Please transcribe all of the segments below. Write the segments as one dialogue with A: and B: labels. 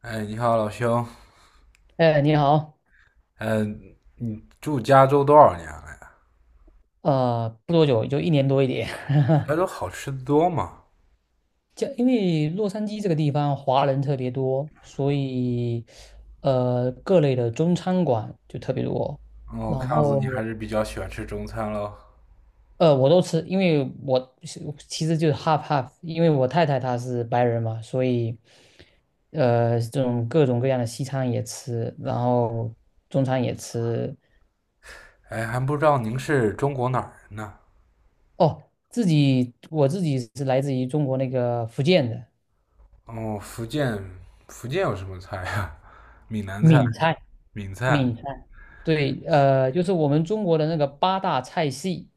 A: 哎，你好，老兄。
B: 哎，你好，
A: 嗯，你住加州多少年了呀？
B: 不多久，也就一年多一点。
A: 加州好吃的多吗？
B: 就因为洛杉矶这个地方华人特别多，所以各类的中餐馆就特别多。
A: 哦，
B: 然
A: 看样子你还
B: 后
A: 是比较喜欢吃中餐喽。
B: 我都吃，因为我其实就是 half half，因为我太太她是白人嘛，所以这种各种各样的西餐也吃，然后中餐也吃。
A: 哎，还不知道您是中国哪儿人呢？
B: 哦，我自己是来自于中国那个福建的
A: 哦，福建，福建有什么菜呀？闽南菜、
B: 闽菜。
A: 闽菜、
B: 闽菜，对，就是我们中国的那个八大菜系，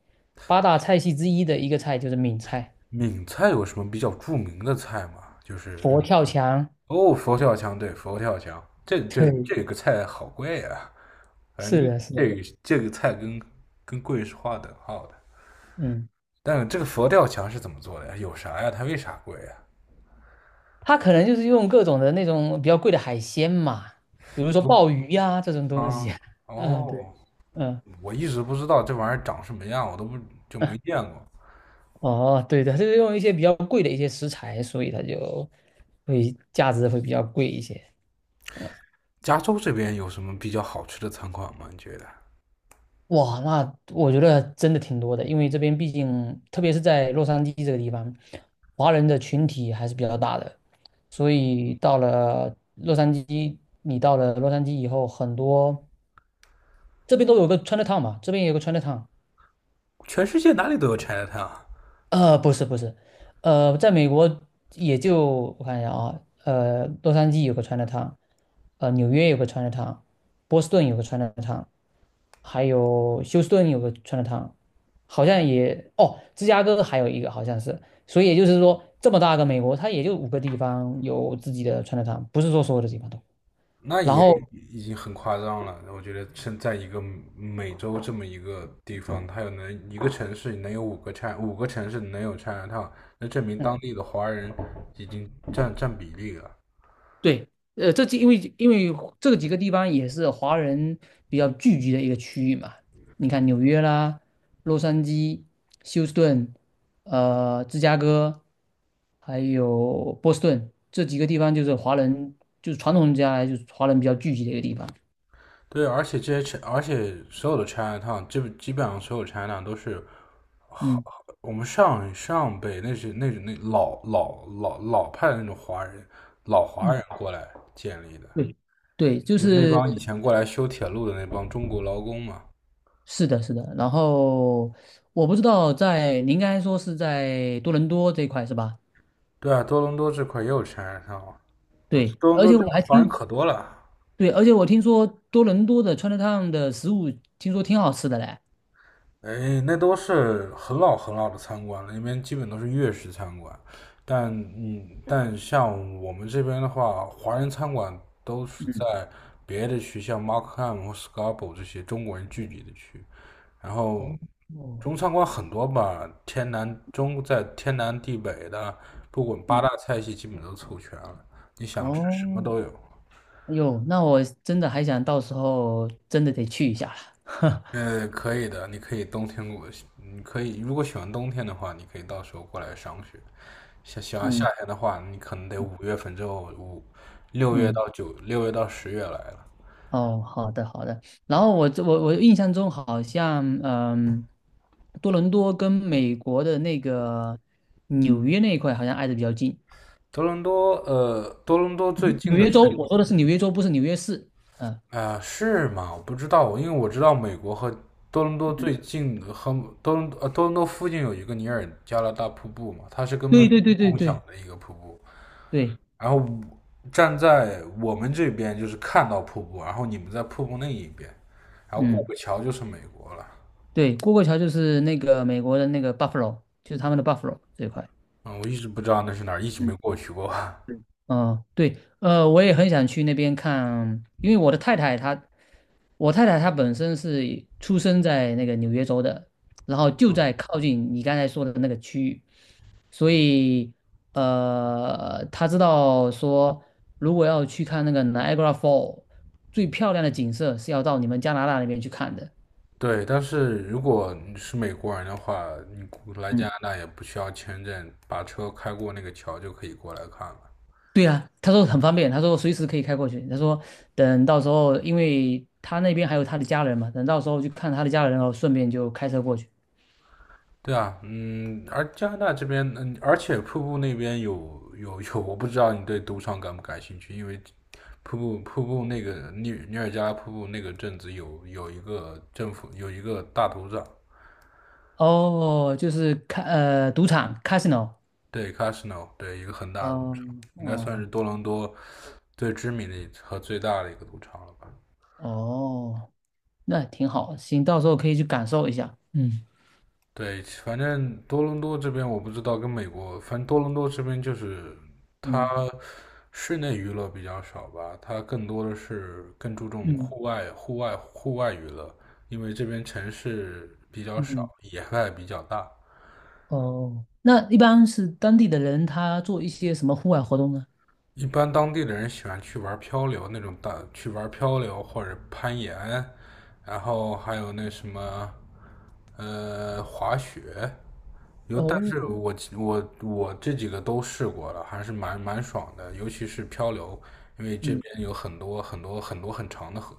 B: 八大菜系之一的一个菜就是闽菜，
A: 闽菜有什么比较著名的菜吗？就是
B: 佛跳墙，
A: 哦，佛跳墙。对，佛跳墙，这这
B: 对，
A: 这个菜好贵呀。反正
B: 是
A: 一
B: 的，是的，
A: 这个这个菜跟贵是划等号的。
B: 嗯，
A: 但这个佛跳墙是怎么做的呀？有啥呀？它为啥贵呀？
B: 它可能就是用各种的那种比较贵的海鲜嘛，比如说
A: 不，
B: 鲍鱼呀、这种东
A: 啊，
B: 西，嗯，对，
A: 哦，
B: 嗯，
A: 我一直不知道这玩意儿长什么样，我都不，就没见过。
B: 哦，对的，它就是用一些比较贵的一些食材，所以它就会价值会比较贵一些，
A: 加州这边有什么比较好吃的餐馆吗？你觉得？
B: 哇，那我觉得真的挺多的，因为这边毕竟，特别是在洛杉矶这个地方，华人的群体还是比较大的，所以到了洛杉矶，你到了洛杉矶以后，很多这边都有个 Chinatown 嘛，这边也有个 Chinatown，
A: 全世界哪里都有 China Town。
B: 不是不是，在美国也就我看一下啊，洛杉矶有个 Chinatown，纽约有个 Chinatown，波士顿有个 Chinatown，还有休斯顿有个川菜汤，好像芝加哥还有一个好像是，所以也就是说，这么大个美国，它也就五个地方有自己的川菜汤，不是说所有的地方都。
A: 那
B: 然
A: 也
B: 后，
A: 已经很夸张了。我觉得身在一个美洲这么一个地方，它有能一个城市能有五个 China，五个城市能有 China Town，那证明当
B: 嗯，
A: 地的华人已经占比例了。
B: 对，这几因为因为这几个地方也是华人比较聚集的一个区域嘛。你看纽约啦、洛杉矶、休斯顿、芝加哥，还有波士顿这几个地方，就是华人，就是传统下来就是华人比较聚集的一个地方。
A: 对，而且所有的 China Town，基本上所有 China Town 都是
B: 嗯
A: 我们上上辈那是那种那老老老老派的那种华人，老华
B: 嗯，
A: 人过来建立的，
B: 对对，就
A: 就那
B: 是
A: 帮以前过来修铁路的那帮中国劳工嘛。
B: 是的，是的。然后我不知道在，您刚才说是在多伦多这一块是吧？
A: 对啊，多伦多这块也有 China Town，我
B: 对，
A: 多伦
B: 而
A: 多
B: 且
A: 这
B: 我
A: 边
B: 还
A: 华人
B: 听
A: 可多了。
B: 对，而且我听说多伦多的 Chinatown 的食物听说挺好吃的嘞。
A: 哎，那都是很老很老的餐馆了，那边基本都是粤式餐馆。但像我们这边的话，华人餐馆都是
B: 嗯，
A: 在别的区，像 Markham 或 Scarborough 这些中国人聚集的区。然后
B: 哦，
A: 中餐馆很多吧，天南中在天南地北的，不管八大
B: 嗯，
A: 菜系基本都凑全了，你想吃什么
B: 哦，
A: 都有。
B: 哎呦，那我真的还想到时候真的得去一下了。
A: 可以的，你可以如果喜欢冬天的话，你可以到时候过来赏雪。想喜欢夏
B: 嗯
A: 天的话，你可能得5月份之后，五六月
B: 嗯，
A: 到九6月到10月来了。
B: 哦，好的好的。然后我印象中好像多伦多跟美国的那个纽约那一块好像挨得比较近。
A: 多伦多，多伦多最近
B: 纽
A: 的
B: 约州，
A: 是，
B: 我说的是纽约州，不是纽约市。嗯，
A: 啊，是吗？我不知道，因为我知道美国和多伦多
B: 嗯，
A: 最近的和多伦多附近有一个尼尔加拉大瀑布嘛，它是跟美
B: 对对对
A: 国
B: 对
A: 共享
B: 对
A: 的一个瀑布。
B: 对，
A: 然后站在我们这边就是看到瀑布，然后你们在瀑布那一边，然后过
B: 嗯。
A: 个桥就是美国了。
B: 对，过桥就是那个美国的那个 Buffalo，就是他们的 Buffalo 这一块。
A: 嗯，我一直不知道那是哪儿，一直没
B: 嗯，
A: 过去过。
B: 对，嗯，对，我也很想去那边看，因为我太太她本身是出生在那个纽约州的，然后就
A: 嗯，
B: 在靠近你刚才说的那个区域，所以她知道说，如果要去看那个 Niagara Fall 最漂亮的景色，是要到你们加拿大那边去看的。
A: 对，但是如果你是美国人的话，你过来加
B: 嗯。
A: 拿大也不需要签证，把车开过那个桥就可以过来看了。
B: 对啊，他说很方便，他说随时可以开过去。他说等到时候，因为他那边还有他的家人嘛，等到时候去看他的家人哦，顺便就开车过去。
A: 对啊，嗯，而加拿大这边。嗯，而且瀑布那边有有有，我不知道你对赌场感不感兴趣，因为瀑布那个尼尔加拉瀑布那个镇子有一个政府有一个大赌场。
B: 哦，就是赌场 casino。
A: 对，casino，对，一个很大的赌
B: 哦
A: 场，应该算是
B: 哦
A: 多伦多最知名的和最大的一个赌场了吧。
B: 哦，那挺好，行，到时候可以去感受一下。嗯
A: 对，反正多伦多这边我不知道，跟美国，反正多伦多这边就是它
B: 嗯
A: 室内娱乐比较少吧，它更多的是更注重
B: 嗯
A: 户外娱乐，因为这边城市比较少，
B: 嗯，
A: 野外比较大。
B: 哦，那一般是当地的人他做一些什么户外活动呢？
A: 一般当地的人喜欢去玩漂流或者攀岩，然后还有那什么，滑雪。有，但
B: 哦，
A: 是我这几个都试过了，还是蛮爽的，尤其是漂流，因为这
B: 嗯，
A: 边有很多很长的河，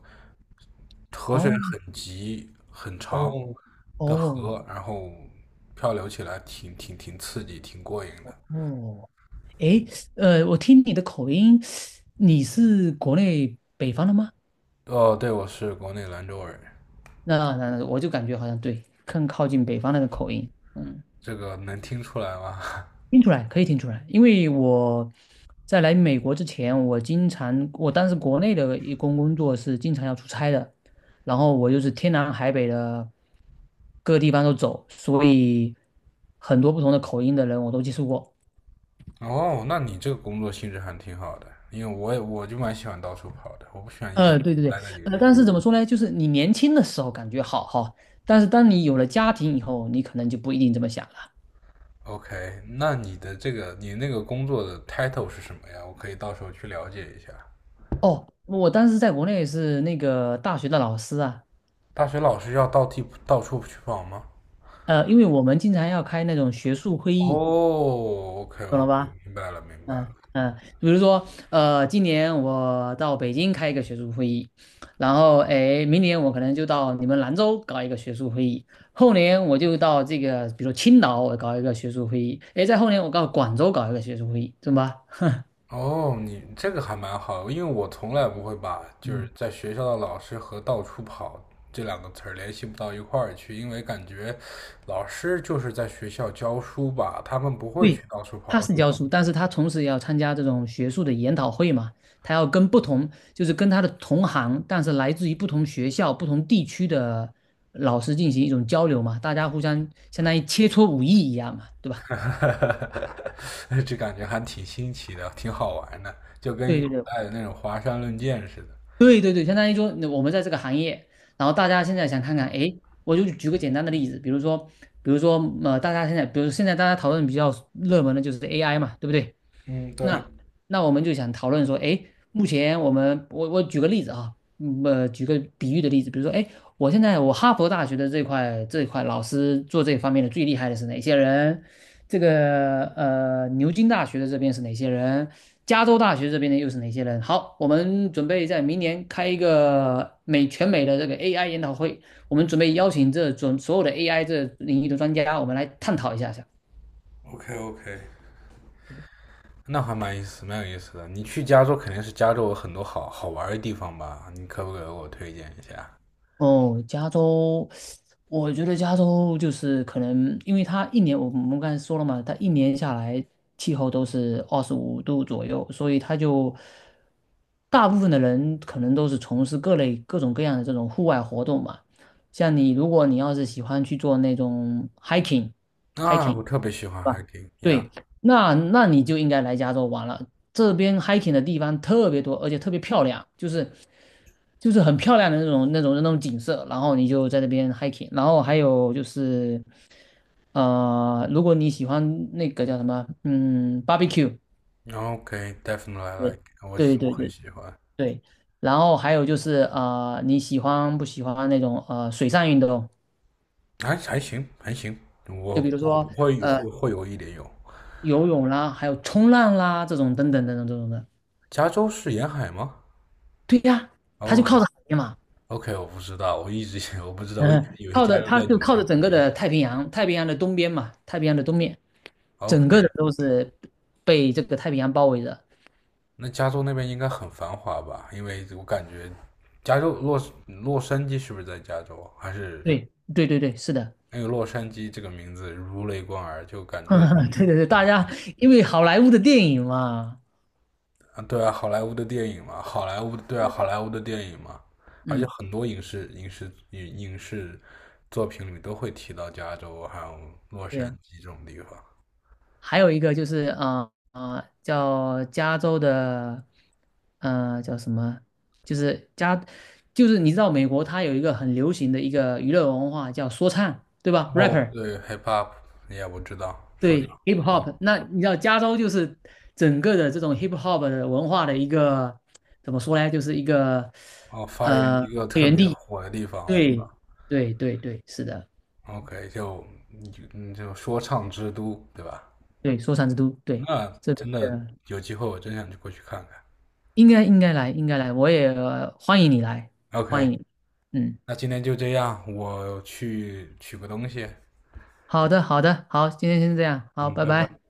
A: 河水
B: 哦
A: 很急很长
B: 哦
A: 的
B: 哦
A: 河，然后漂流起来挺刺激，挺过瘾的。
B: 哦。诶，我听你的口音，你是国内北方的吗？
A: 哦，对，我是国内兰州人，
B: 那我就感觉好像对，更靠近北方那个口音，嗯，
A: 这个能听出来吗？
B: 听出来可以听出来，因为我在来美国之前，我经常我当时国内的工作是经常要出差的，然后我就是天南海北的各地方都走，所以很多不同的口音的人我都接触过。
A: 哦，那你这个工作性质还挺好的，因为我就蛮喜欢到处跑的，我不喜欢一直
B: 对对对，
A: 待在一个地方。
B: 但是怎么说呢？就是你年轻的时候感觉好哈，但是当你有了家庭以后，你可能就不一定这么想了。
A: OK，那你那个工作的 title 是什么呀？我可以到时候去了解一下。
B: 哦，我当时在国内是那个大学的老师啊，
A: 大学老师要到处去跑吗？
B: 因为我们经常要开那种学术会议，
A: 哦，OK，
B: 懂了
A: OK，
B: 吧？
A: 明白了，明白了。
B: 嗯嗯，比如说，今年我到北京开一个学术会议，然后哎，明年我可能就到你们兰州搞一个学术会议，后年我就到这个，比如说青岛我搞一个学术会议，哎，在后年我到广州搞一个学术会议，懂吧？
A: 哦，你这个还蛮好，因为我从来不会把就是
B: 嗯，
A: 在学校的老师和到处跑这两个词儿联系不到一块儿去，因为感觉老师就是在学校教书吧，他们不会
B: 对，
A: 去到处
B: 他
A: 跑。
B: 是教书，但是他同时也要参加这种学术的研讨会嘛，他要跟不同，就是跟他的同行，但是来自于不同学校、不同地区的老师进行一种交流嘛，大家互相相当于切磋武艺一样嘛，对 吧？
A: 哈哈哈，这感觉还挺新奇的，挺好玩的，就
B: 对
A: 跟
B: 对
A: 古
B: 对，
A: 代的那种华山论剑似的。
B: 对对对，相当于说我们在这个行业，然后大家现在想看看，哎，我就举个简单的例子，比如说，大家现在，比如现在大家讨论比较热门的就是 AI 嘛，对不对？
A: 嗯，对
B: 那那我们就想讨论说，哎，目前我们我我举个例子啊，举个比喻的例子，比如说，哎，我现在我哈佛大学的这块老师做这方面的最厉害的是哪些人？牛津大学的这边是哪些人？加州大学这边的又是哪些人？好，我们准备在明年开一个全美的这个 AI 研讨会，我们准备邀请所有的 AI 这领域的专家，我们来探讨一下
A: ，OK， OK，那还蛮有意思的。你去加州肯定是加州有很多好玩的地方吧？你可不可以给我推荐一下？
B: 哦，加州，我觉得加州就是可能，因为它一年，我们刚才说了嘛，它一年下来气候都是25度左右，所以它就大部分的人可能都是从事各类各种各样的这种户外活动嘛。像你，如果你要是喜欢去做那种
A: 啊，
B: hiking，
A: 我特别喜
B: 对
A: 欢 h
B: 吧？
A: i k i
B: 对，那你就应该来加州玩了。这边 hiking 的地方特别多，而且特别漂亮，就是很漂亮的那种景色。然后你就在那边 hiking，然后还有就是，如果你喜欢那个叫什么，barbecue，
A: o k d e f i n i t e l y
B: 对对
A: 我
B: 对
A: 很
B: 对
A: 喜欢，
B: 对，然后还有就是你喜欢不喜欢那种水上运动？
A: 还行，还行，我
B: 就比如
A: 我不
B: 说
A: 会
B: 呃
A: 会会有一点，有。
B: 游泳啦，还有冲浪啦这种等等等等这种的。
A: 加州是沿海吗？
B: 对呀，它就靠
A: 哦，
B: 着海边嘛，
A: OK，我不知道，我一直 我不知道，我一直
B: 嗯，
A: 以为加州在纽
B: 靠
A: 约。
B: 着整个的太平洋，太平洋的东边嘛，太平洋的东面，整个的
A: OK，
B: 都是被这个太平洋包围着。
A: 那加州那边应该很繁华吧？因为我感觉加州洛杉矶是不是在加州？还是
B: 对，对，对，对，是的，
A: 那个洛杉矶这个名字如雷贯耳，就 感
B: 对
A: 觉
B: 对对，是的，对对对，大家因为好莱坞的电影嘛，
A: 啊，对啊，好莱坞的电影嘛，好莱坞的对啊，
B: 对，
A: 好莱坞的电影嘛，而且
B: 嗯，
A: 很多影视作品里都会提到加州还有洛
B: 对
A: 杉
B: 呀，
A: 矶这种地方。
B: 还有一个就是叫加州的，叫什么？就是加，就是你知道美国它有一个很流行的一个娱乐文化叫说唱，对吧
A: 哦，
B: ？rapper。
A: 对，hip hop，也我知道，说唱。
B: 对 hip hop，那你知道加州就是整个的这种 hip hop 的文化的一个怎么说呢？就是一个
A: 哦，发源
B: 呃
A: 一个
B: 发
A: 特
B: 源
A: 别
B: 地。
A: 火的地方，对吧
B: 对对对对，是的，
A: ？OK，就你就嗯就说唱之都，对吧？
B: 对说唱之都，对
A: 那
B: 这边
A: 真的
B: 的
A: 有机会，我真想过去看看。
B: 应该来，应该来，我也欢迎你来，欢
A: OK，
B: 迎你嗯，
A: 那今天就这样，我去取个东西。
B: 好的好的，好，今天先这样，好，
A: 嗯，
B: 拜
A: 拜
B: 拜。
A: 拜。